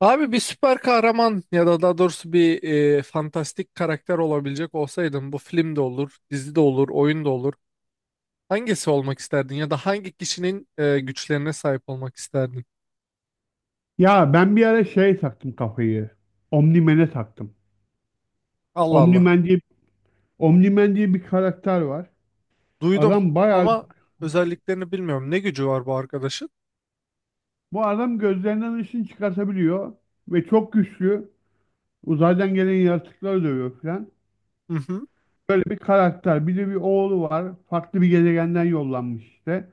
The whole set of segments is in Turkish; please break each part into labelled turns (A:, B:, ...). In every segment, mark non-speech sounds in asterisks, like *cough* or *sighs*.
A: Abi bir süper kahraman ya da daha doğrusu bir fantastik karakter olabilecek olsaydın bu film de olur, dizi de olur, oyun da olur. Hangisi olmak isterdin ya da hangi kişinin güçlerine sahip olmak isterdin?
B: Ya ben bir ara şey taktım kafayı. Omnimen'e taktım.
A: Allah Allah.
B: Omnimen diye, Omnimen diye bir karakter var.
A: Duydum
B: Adam bayağı
A: ama özelliklerini bilmiyorum. Ne gücü var bu arkadaşın?
B: bu adam gözlerinden ışın çıkartabiliyor ve çok güçlü. Uzaydan gelen yaratıkları dövüyor falan.
A: Hı hı.
B: Böyle bir karakter. Bir de bir oğlu var. Farklı bir gezegenden yollanmış işte.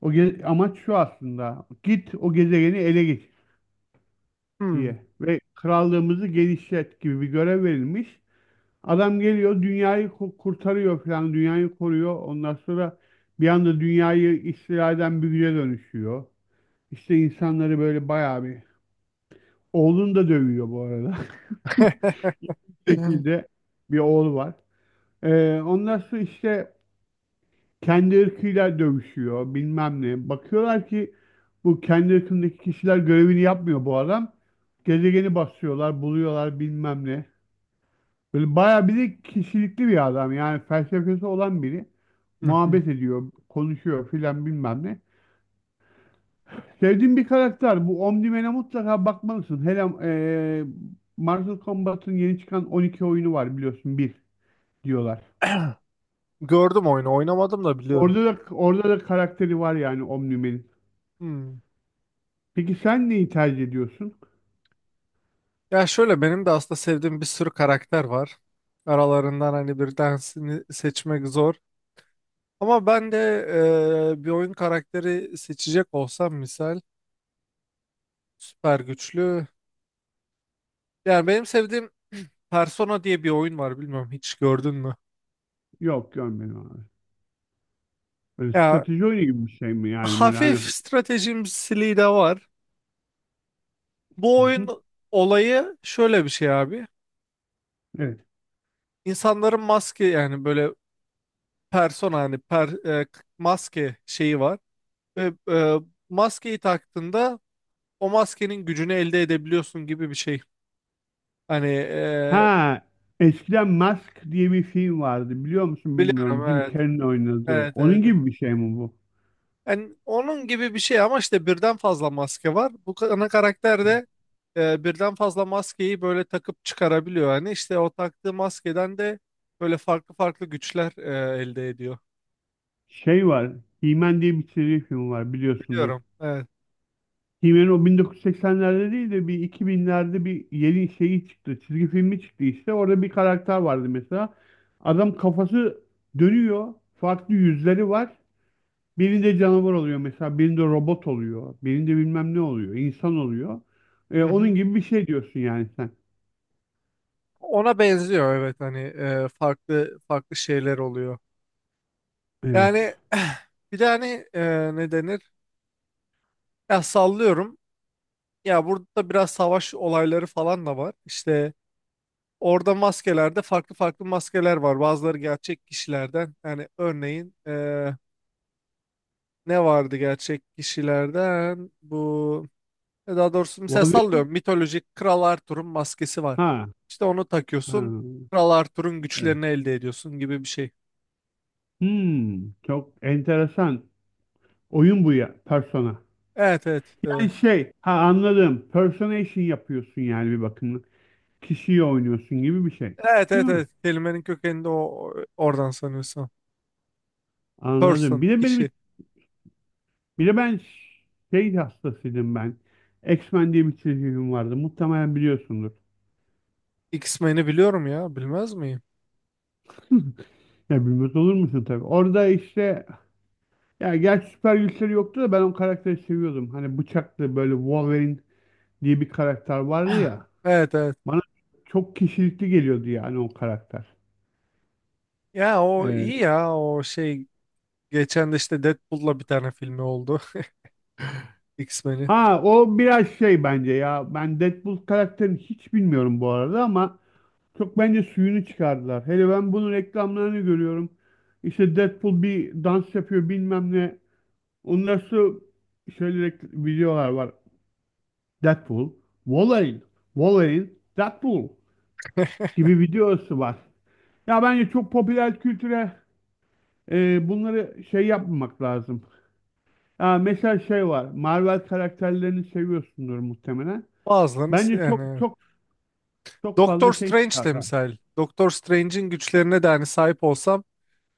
B: Amaç şu aslında. Git o gezegeni ele geçir
A: Hmm.
B: diye ve krallığımızı genişlet gibi bir görev verilmiş. Adam geliyor dünyayı kurtarıyor falan, dünyayı koruyor. Ondan sonra bir anda dünyayı istila eden bir güce dönüşüyor. İşte insanları böyle bayağı bir, oğlunu da dövüyor bu arada.
A: *laughs*
B: *laughs* şekilde bir oğlu var. Ondan sonra işte kendi ırkıyla dövüşüyor, bilmem ne. Bakıyorlar ki bu kendi ırkındaki kişiler, görevini yapmıyor bu adam. Gezegeni basıyorlar, buluyorlar, bilmem ne. Böyle bayağı bir de kişilikli bir adam. Yani felsefesi olan biri.
A: Hı hı.
B: Muhabbet ediyor, konuşuyor filan, bilmem ne. Sevdiğim bir karakter. Bu Omnimen'e mutlaka bakmalısın. Hele Mortal Kombat'ın yeni çıkan 12 oyunu var, biliyorsun. Bir diyorlar.
A: Gördüm oyunu, oynamadım da biliyorum.
B: Orada da karakteri var yani Omnimen'in.
A: Hmm.
B: Peki sen neyi tercih ediyorsun?
A: Ya şöyle benim de aslında sevdiğim bir sürü karakter var. Aralarından hani bir tanesini seçmek zor. Ama ben de bir oyun karakteri seçecek olsam misal süper güçlü. Yani benim sevdiğim Persona diye bir oyun var, bilmiyorum, hiç gördün mü?
B: Yok, görmedim abi. Böyle
A: Ya
B: strateji oyunu gibi bir şey mi yani, böyle
A: hafif
B: hani.
A: stratejimsiliği de var. Bu
B: Hı hı.
A: oyun olayı şöyle bir şey abi.
B: Evet.
A: İnsanların maske, yani böyle persona, hani maske şeyi var. Ve maskeyi taktığında o maskenin gücünü elde edebiliyorsun gibi bir şey. Hani
B: Ha, eskiden Mask diye bir film vardı. Biliyor musun, bilmiyorum.
A: biliyorum,
B: Jim
A: evet.
B: Carrey'in oynadığı.
A: Evet,
B: Onun
A: evet.
B: gibi bir şey mi bu?
A: Yani onun gibi bir şey ama işte birden fazla maske var. Ana karakter de birden fazla maskeyi böyle takıp çıkarabiliyor. Yani işte o taktığı maskeden de böyle farklı farklı güçler elde ediyor.
B: Şey var. He-Man diye bir çizgi film var, biliyorsundur.
A: Biliyorum. Evet.
B: He-Man o 1980'lerde değil de bir 2000'lerde bir yeni şeyi çıktı. Çizgi filmi çıktı işte. Orada bir karakter vardı mesela. Adam kafası dönüyor. Farklı yüzleri var. Birinde canavar oluyor mesela. Birinde robot oluyor. Birinde bilmem ne oluyor, insan oluyor.
A: Hı
B: Onun
A: hı.
B: gibi bir şey diyorsun yani sen.
A: Ona benziyor, evet, hani farklı farklı şeyler oluyor.
B: Evet.
A: Yani *clears throat* *sighs* bir de hani, ne denir? Ya sallıyorum. Ya burada biraz savaş olayları falan da var. İşte orada maskelerde farklı farklı maskeler var. Bazıları gerçek kişilerden. Yani örneğin ne vardı gerçek kişilerden? Bu daha doğrusu mesela
B: Vallahi
A: sallıyorum, mitolojik Kral Arthur'un maskesi var.
B: ha,
A: İşte onu
B: ha,
A: takıyorsun. Kral Arthur'un
B: evet.
A: güçlerini elde ediyorsun gibi bir şey.
B: Hmm, çok enteresan. Oyun bu ya, Persona.
A: Evet, evet.
B: Yani şey, ha, anladım. Personation yapıyorsun yani bir bakımda. Kişiyi oynuyorsun gibi bir şey.
A: Evet,
B: Değil
A: evet,
B: mi?
A: evet. Kelimenin kökeninde o oradan sanıyorsun.
B: Anladım.
A: Person,
B: Bir de benim,
A: kişi.
B: bir de ben şey hastasıydım ben. X-Men diye bir çizgi film vardı. Muhtemelen biliyorsundur.
A: X-Men'i biliyorum ya. Bilmez miyim?
B: *laughs* Ya bilmez olur musun tabii. Orada işte, ya gerçi süper güçleri yoktu da ben o karakteri seviyordum. Hani bıçaklı böyle Wolverine diye bir karakter vardı
A: *clears throat*
B: ya.
A: Evet, evet.
B: Bana çok kişilikli geliyordu yani o karakter.
A: Ya o
B: Ee,
A: iyi, ya o şey, geçen de işte Deadpool'la bir tane filmi oldu. *laughs* X-Men'in.
B: ha, o biraz şey bence ya. Ben Deadpool karakterini hiç bilmiyorum bu arada ama çok bence suyunu çıkardılar. Hele ben bunun reklamlarını görüyorum. İşte Deadpool bir dans yapıyor, bilmem ne. Ondan sonra şöyle videolar var. Deadpool, Wolverine, Wolverine, Deadpool gibi videosu var. Ya bence çok popüler kültüre bunları şey yapmamak lazım. Aa, mesela şey var. Marvel karakterlerini seviyorsundur muhtemelen.
A: Bazılarını
B: Bence çok
A: yani.
B: çok çok
A: Doctor
B: fazla şey
A: Strange de
B: çıkardı.
A: misal. Doctor Strange'in güçlerine de hani sahip olsam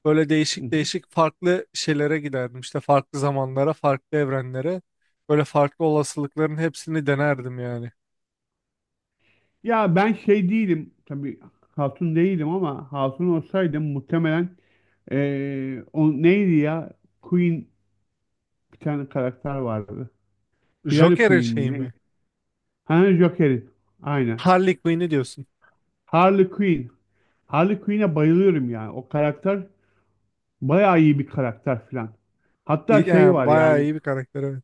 A: böyle
B: Hı
A: değişik
B: hı.
A: değişik farklı şeylere giderdim. İşte farklı zamanlara, farklı evrenlere. Böyle farklı olasılıkların hepsini denerdim yani.
B: Ya ben şey değilim. Tabii hatun değilim ama hatun olsaydım muhtemelen o neydi ya? Queen bir tane karakter vardı. Hillary
A: Joker'in
B: Queen
A: şeyi
B: mi ne?
A: mi?
B: Ha, Joker'in. Aynen.
A: Harley Quinn'i diyorsun.
B: Harley Quinn. Harley Quinn'e bayılıyorum yani. O karakter bayağı iyi bir karakter filan. Hatta şey
A: Yani
B: var
A: bayağı
B: yani
A: iyi bir karakter, evet.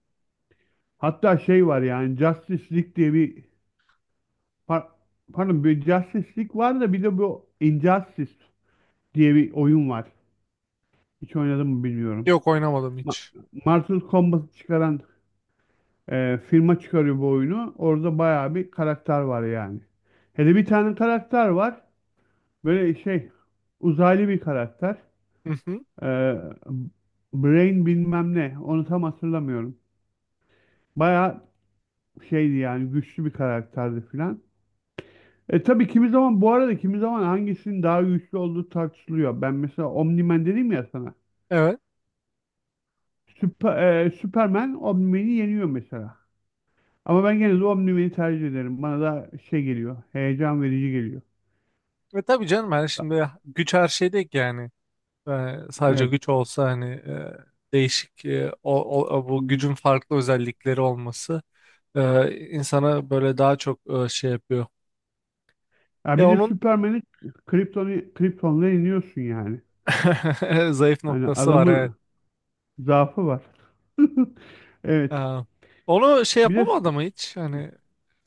B: Hatta şey var yani Justice League diye bir par- pardon, bir Justice League var da bir de bu Injustice diye bir oyun var. Hiç oynadım mı, bilmiyorum.
A: Yok, oynamadım
B: Ma
A: hiç.
B: Mortal Kombat'ı çıkaran firma çıkarıyor bu oyunu. Orada bayağı bir karakter var yani. Hele bir tane karakter var. Böyle şey, uzaylı bir karakter.
A: Hı hı.
B: E, Brain bilmem ne. Onu tam hatırlamıyorum. Bayağı şeydi yani, güçlü bir karakterdi filan. E tabii kimi zaman bu arada, kimi zaman hangisinin daha güçlü olduğu tartışılıyor. Ben mesela Omni-Man dedim ya sana.
A: Evet.
B: Süper, Superman Omni-Man'i yeniyor mesela. Ama ben gene de Omni-Man'i tercih ederim. Bana da şey geliyor. Heyecan verici geliyor.
A: Ve tabii canım, yani şimdi güç her şey değil ki yani. Sadece
B: Evet.
A: güç olsa hani, değişik, bu gücün farklı özellikleri olması insana böyle daha çok şey yapıyor.
B: Ya
A: E
B: bir de
A: onun
B: Superman'i Krypton'la yeniyorsun yani.
A: *laughs* zayıf
B: Hani
A: noktası var, evet.
B: adamın zaafı var. *laughs*
A: E,
B: Evet.
A: Onu şey
B: Bir de
A: yapamadı
B: Su-
A: mı hiç? Hani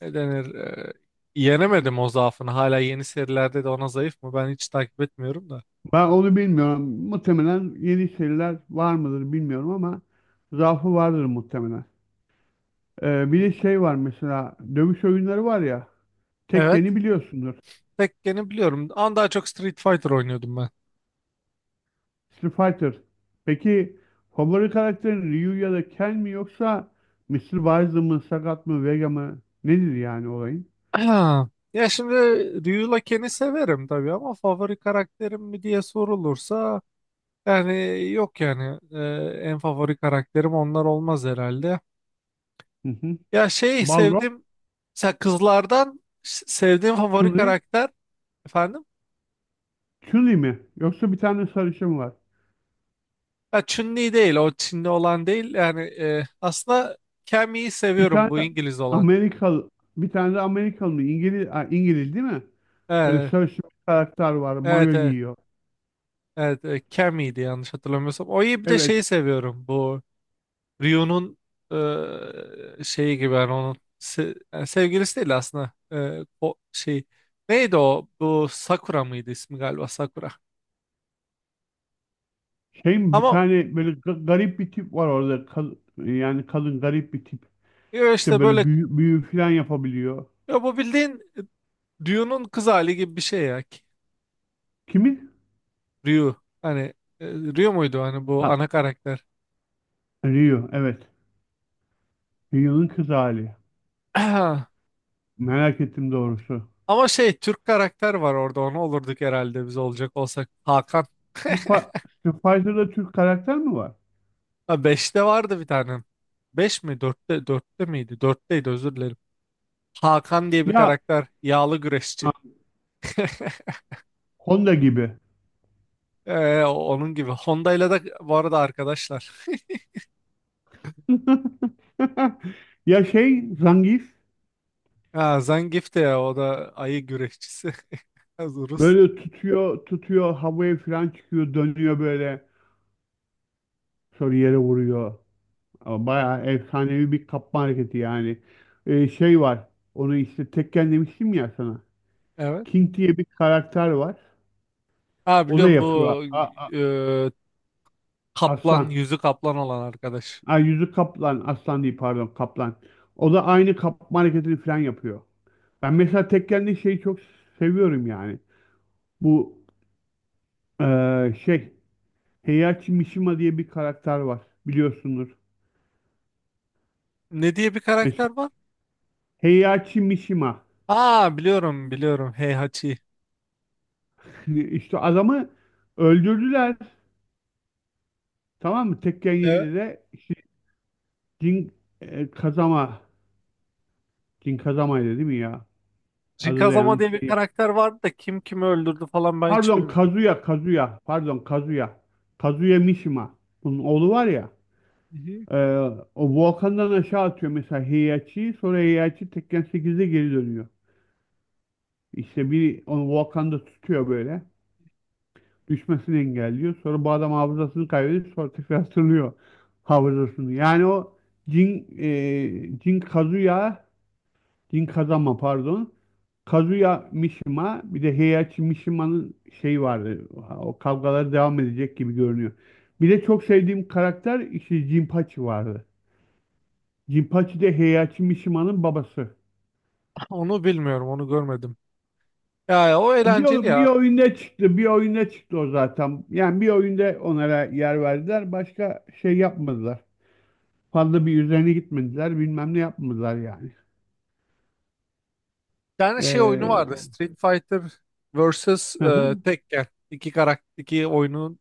A: ne denir? Yenemedim o zaafını. Hala yeni serilerde de ona zayıf mı? Ben hiç takip etmiyorum da.
B: Ben onu bilmiyorum. Muhtemelen yeni seriler var mıdır, bilmiyorum ama zaafı vardır muhtemelen. Bir
A: Hmm.
B: de şey var mesela, dövüş oyunları var ya.
A: Evet.
B: Tekken'i biliyorsundur.
A: Tekken'i biliyorum. Ama daha çok Street Fighter oynuyordum ben.
B: Street Fighter. Peki favori karakterin Ryu ya da Ken mi, yoksa Mister Bison mı, Sagat mı, Vega mı? Nedir yani olayın?
A: Ha, ya şimdi Ryu Laken'i severim tabii ama favori karakterim mi diye sorulursa, yani yok yani, en favori karakterim onlar olmaz herhalde.
B: Hı hı.
A: Ya şey,
B: Balrog,
A: sevdim mesela kızlardan sevdiğim favori
B: Chun-Li,
A: karakter, efendim,
B: Chun-Li mi? Yoksa bir tane sarışın var.
A: ya Chun-Li değil, o Çinli olan değil yani, aslında Cammy'yi
B: Bir
A: seviyorum,
B: tane
A: bu İngiliz olan.
B: Amerikalı, bir tane de Amerikalı mı? İngiliz, ha, İngiliz değil mi? Böyle
A: Evet,
B: sarışın bir karakter var,
A: evet,
B: mayo
A: evet,
B: giyiyor.
A: evet, Cammy'ydi yanlış hatırlamıyorsam. O iyi, bir de
B: Evet,
A: şeyi seviyorum bu. Ryu'nun şeyi gibi, yani onun yani sevgilisi değil aslında. O şey neydi o, bu Sakura mıydı ismi, galiba Sakura
B: şey mi, bir
A: ama
B: tane böyle garip bir tip var orada. Yani kadın, garip bir tip.
A: ya
B: İşte
A: işte
B: böyle
A: böyle,
B: büyü, büyü falan yapabiliyor.
A: ya bu bildiğin Ryu'nun kız hali gibi bir şey ya.
B: Kimi?
A: Ryu, hani, Ryu muydu hani bu
B: Ha,
A: ana karakter?
B: Rio. Evet. Rio'nun kız hali.
A: *clears throat*
B: Merak ettim doğrusu.
A: Ama şey, Türk karakter var orada, onu olurduk herhalde biz olacak olsak, Hakan. *laughs*
B: Street Fi- Street Fighter'da Türk karakter mi var?
A: Ha, 5'te vardı bir tane, 5 mi, dörtte, dörtte miydi, dörtteydi, özür dilerim, Hakan diye bir
B: Ya,
A: karakter. Yağlı güreşçi.
B: ha,
A: *laughs*
B: Honda gibi.
A: Onun gibi. Honda ile de bu arada arkadaşlar. *laughs*
B: *laughs* Ya şey, Zangief
A: Ha, Zangief de, ya o da ayı güreşçisi. *laughs* Az Rus.
B: böyle tutuyor, havaya falan çıkıyor, dönüyor böyle, sonra yere vuruyor. Ama bayağı
A: Ya,
B: efsanevi bir kapma hareketi yani. Şey var. Onu işte Tekken demiştim ya sana.
A: evet.
B: King diye bir karakter var.
A: Ha,
B: O da
A: biliyorum
B: yapıyor.
A: bu, e, kaplan,
B: Aslan.
A: yüzü kaplan olan arkadaş.
B: Ay, yüzü kaplan. Aslan değil, pardon, kaplan. O da aynı kapma hareketini falan yapıyor. Ben mesela Tekken'de şeyi çok seviyorum yani. Bu şey, Heihachi Mishima diye bir karakter var. Biliyorsundur.
A: Ne diye bir
B: Mesela
A: karakter var?
B: Heihachi Mishima.
A: Ha, biliyorum biliyorum. Heihachi.
B: *laughs* İşte adamı öldürdüler. Tamam mı? Tekken
A: Evet.
B: 7'de işte Jin, Kazama. Jin Kazama'ydı değil mi ya? Adı da
A: Jinkazama
B: yanlış
A: diye bir
B: şey.
A: karakter vardı da kim kimi öldürdü falan ben hiç
B: Pardon,
A: bilmiyorum.
B: Kazuya. Pardon Kazuya. Kazuya Mishima. Bunun oğlu var ya.
A: Hı hı.
B: e, O volkandan aşağı atıyor mesela Heihachi'yi. Sonra Heihachi Tekken 8'de geri dönüyor. İşte biri onu volkanda tutuyor böyle. Düşmesini engelliyor. Sonra bu adam hafızasını kaybediyor. Sonra tekrar hatırlıyor hafızasını. Jin Kazuya, Din Kazama pardon. Kazuya Mishima, bir de Heihachi Mishima'nın şeyi vardı. O kavgalar devam edecek gibi görünüyor. Bir de çok sevdiğim karakter işte Jinpachi vardı. Jinpachi de Heihachi Mishima'nın babası.
A: Onu bilmiyorum, onu görmedim. Ya ya, o
B: O
A: eğlenceli
B: bir, bir
A: ya.
B: oyunda çıktı. Bir oyunda çıktı o zaten. Yani bir oyunda onlara yer verdiler. Başka şey yapmadılar. Fazla bir üzerine gitmediler. Bilmem ne yapmadılar yani.
A: Bir tane şey oyunu
B: Ee,
A: vardı, Street Fighter vs
B: hı hı.
A: Tekken. İki karakter, iki oyunun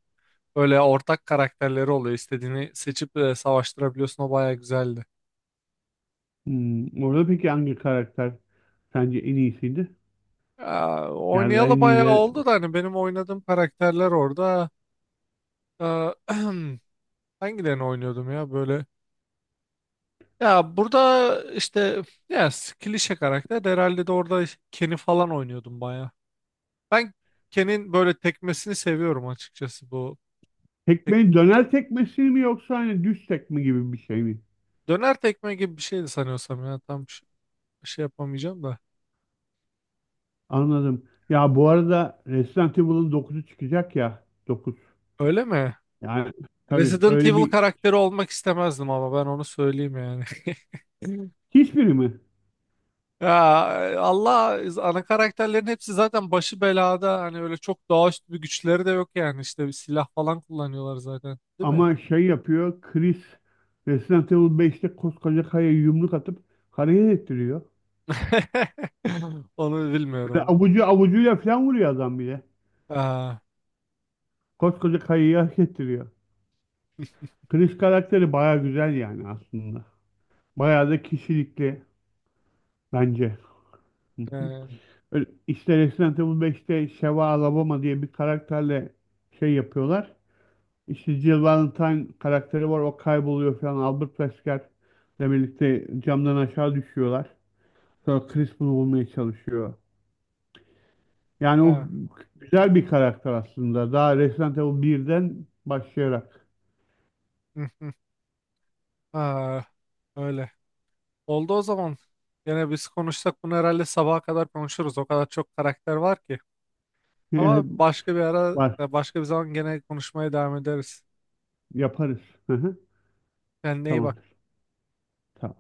A: böyle ortak karakterleri oluyor. İstediğini seçip savaştırabiliyorsun. O baya güzeldi.
B: Hmm, orada peki hangi karakter sence en iyisiydi?
A: Aa,
B: Yani en
A: oynayalı baya
B: iyileri.
A: oldu da hani benim oynadığım karakterler orada. Aa, *clears throat* hangilerini oynuyordum ya böyle? Ya burada işte, ya, klişe karakter de herhalde de orada Ken'i falan oynuyordum baya. Ben Ken'in böyle tekmesini seviyorum açıkçası bu.
B: Tekmeyi döner tekmesi mi, yoksa hani düz tekme gibi bir şey mi?
A: Döner tekme gibi bir şeydi sanıyorsam ya. Şey yapamayacağım da.
B: Anladım. Ya bu arada Resident Evil'ın 9'u çıkacak ya. Dokuz.
A: Öyle mi?
B: Yani tabii
A: Resident
B: öyle
A: Evil
B: bir,
A: karakteri olmak istemezdim ama, ben onu söyleyeyim yani. *laughs*
B: hiçbiri mi?
A: Ya Allah, ana karakterlerin hepsi zaten başı belada. Hani öyle çok doğaüstü bir güçleri de yok yani. İşte bir silah falan kullanıyorlar zaten. Değil mi?
B: Ama şey yapıyor Chris, Resident Evil 5'te koskoca kayaya yumruk atıp hareket ettiriyor.
A: *laughs* Onu
B: Böyle
A: bilmiyorum.
B: avucu avucuyla falan vuruyor adam bile.
A: Aa,
B: Koskoca kayayı hareket ettiriyor. Chris karakteri baya güzel yani aslında. Bayağı da kişilikli bence. Hı hı.
A: e,
B: Öyle İşte Resident Evil 5'te Sheva Alabama diye bir karakterle şey yapıyorlar. İşte Jill Valentine karakteri var, o kayboluyor falan. Albert Wesker ile birlikte camdan aşağı düşüyorlar. Sonra Chris bunu bulmaya çalışıyor. Yani o
A: ya.
B: güzel bir karakter aslında. Daha Resident Evil 1'den başlayarak
A: *laughs* Aa, öyle. Oldu o zaman. Yine biz konuşsak bunu herhalde sabaha kadar konuşuruz. O kadar çok karakter var ki. Ama başka bir
B: *laughs*
A: ara,
B: var,
A: başka bir zaman gene konuşmaya devam ederiz.
B: yaparız. Hı hı,
A: Kendine iyi bak.
B: tamamdır. Tamam.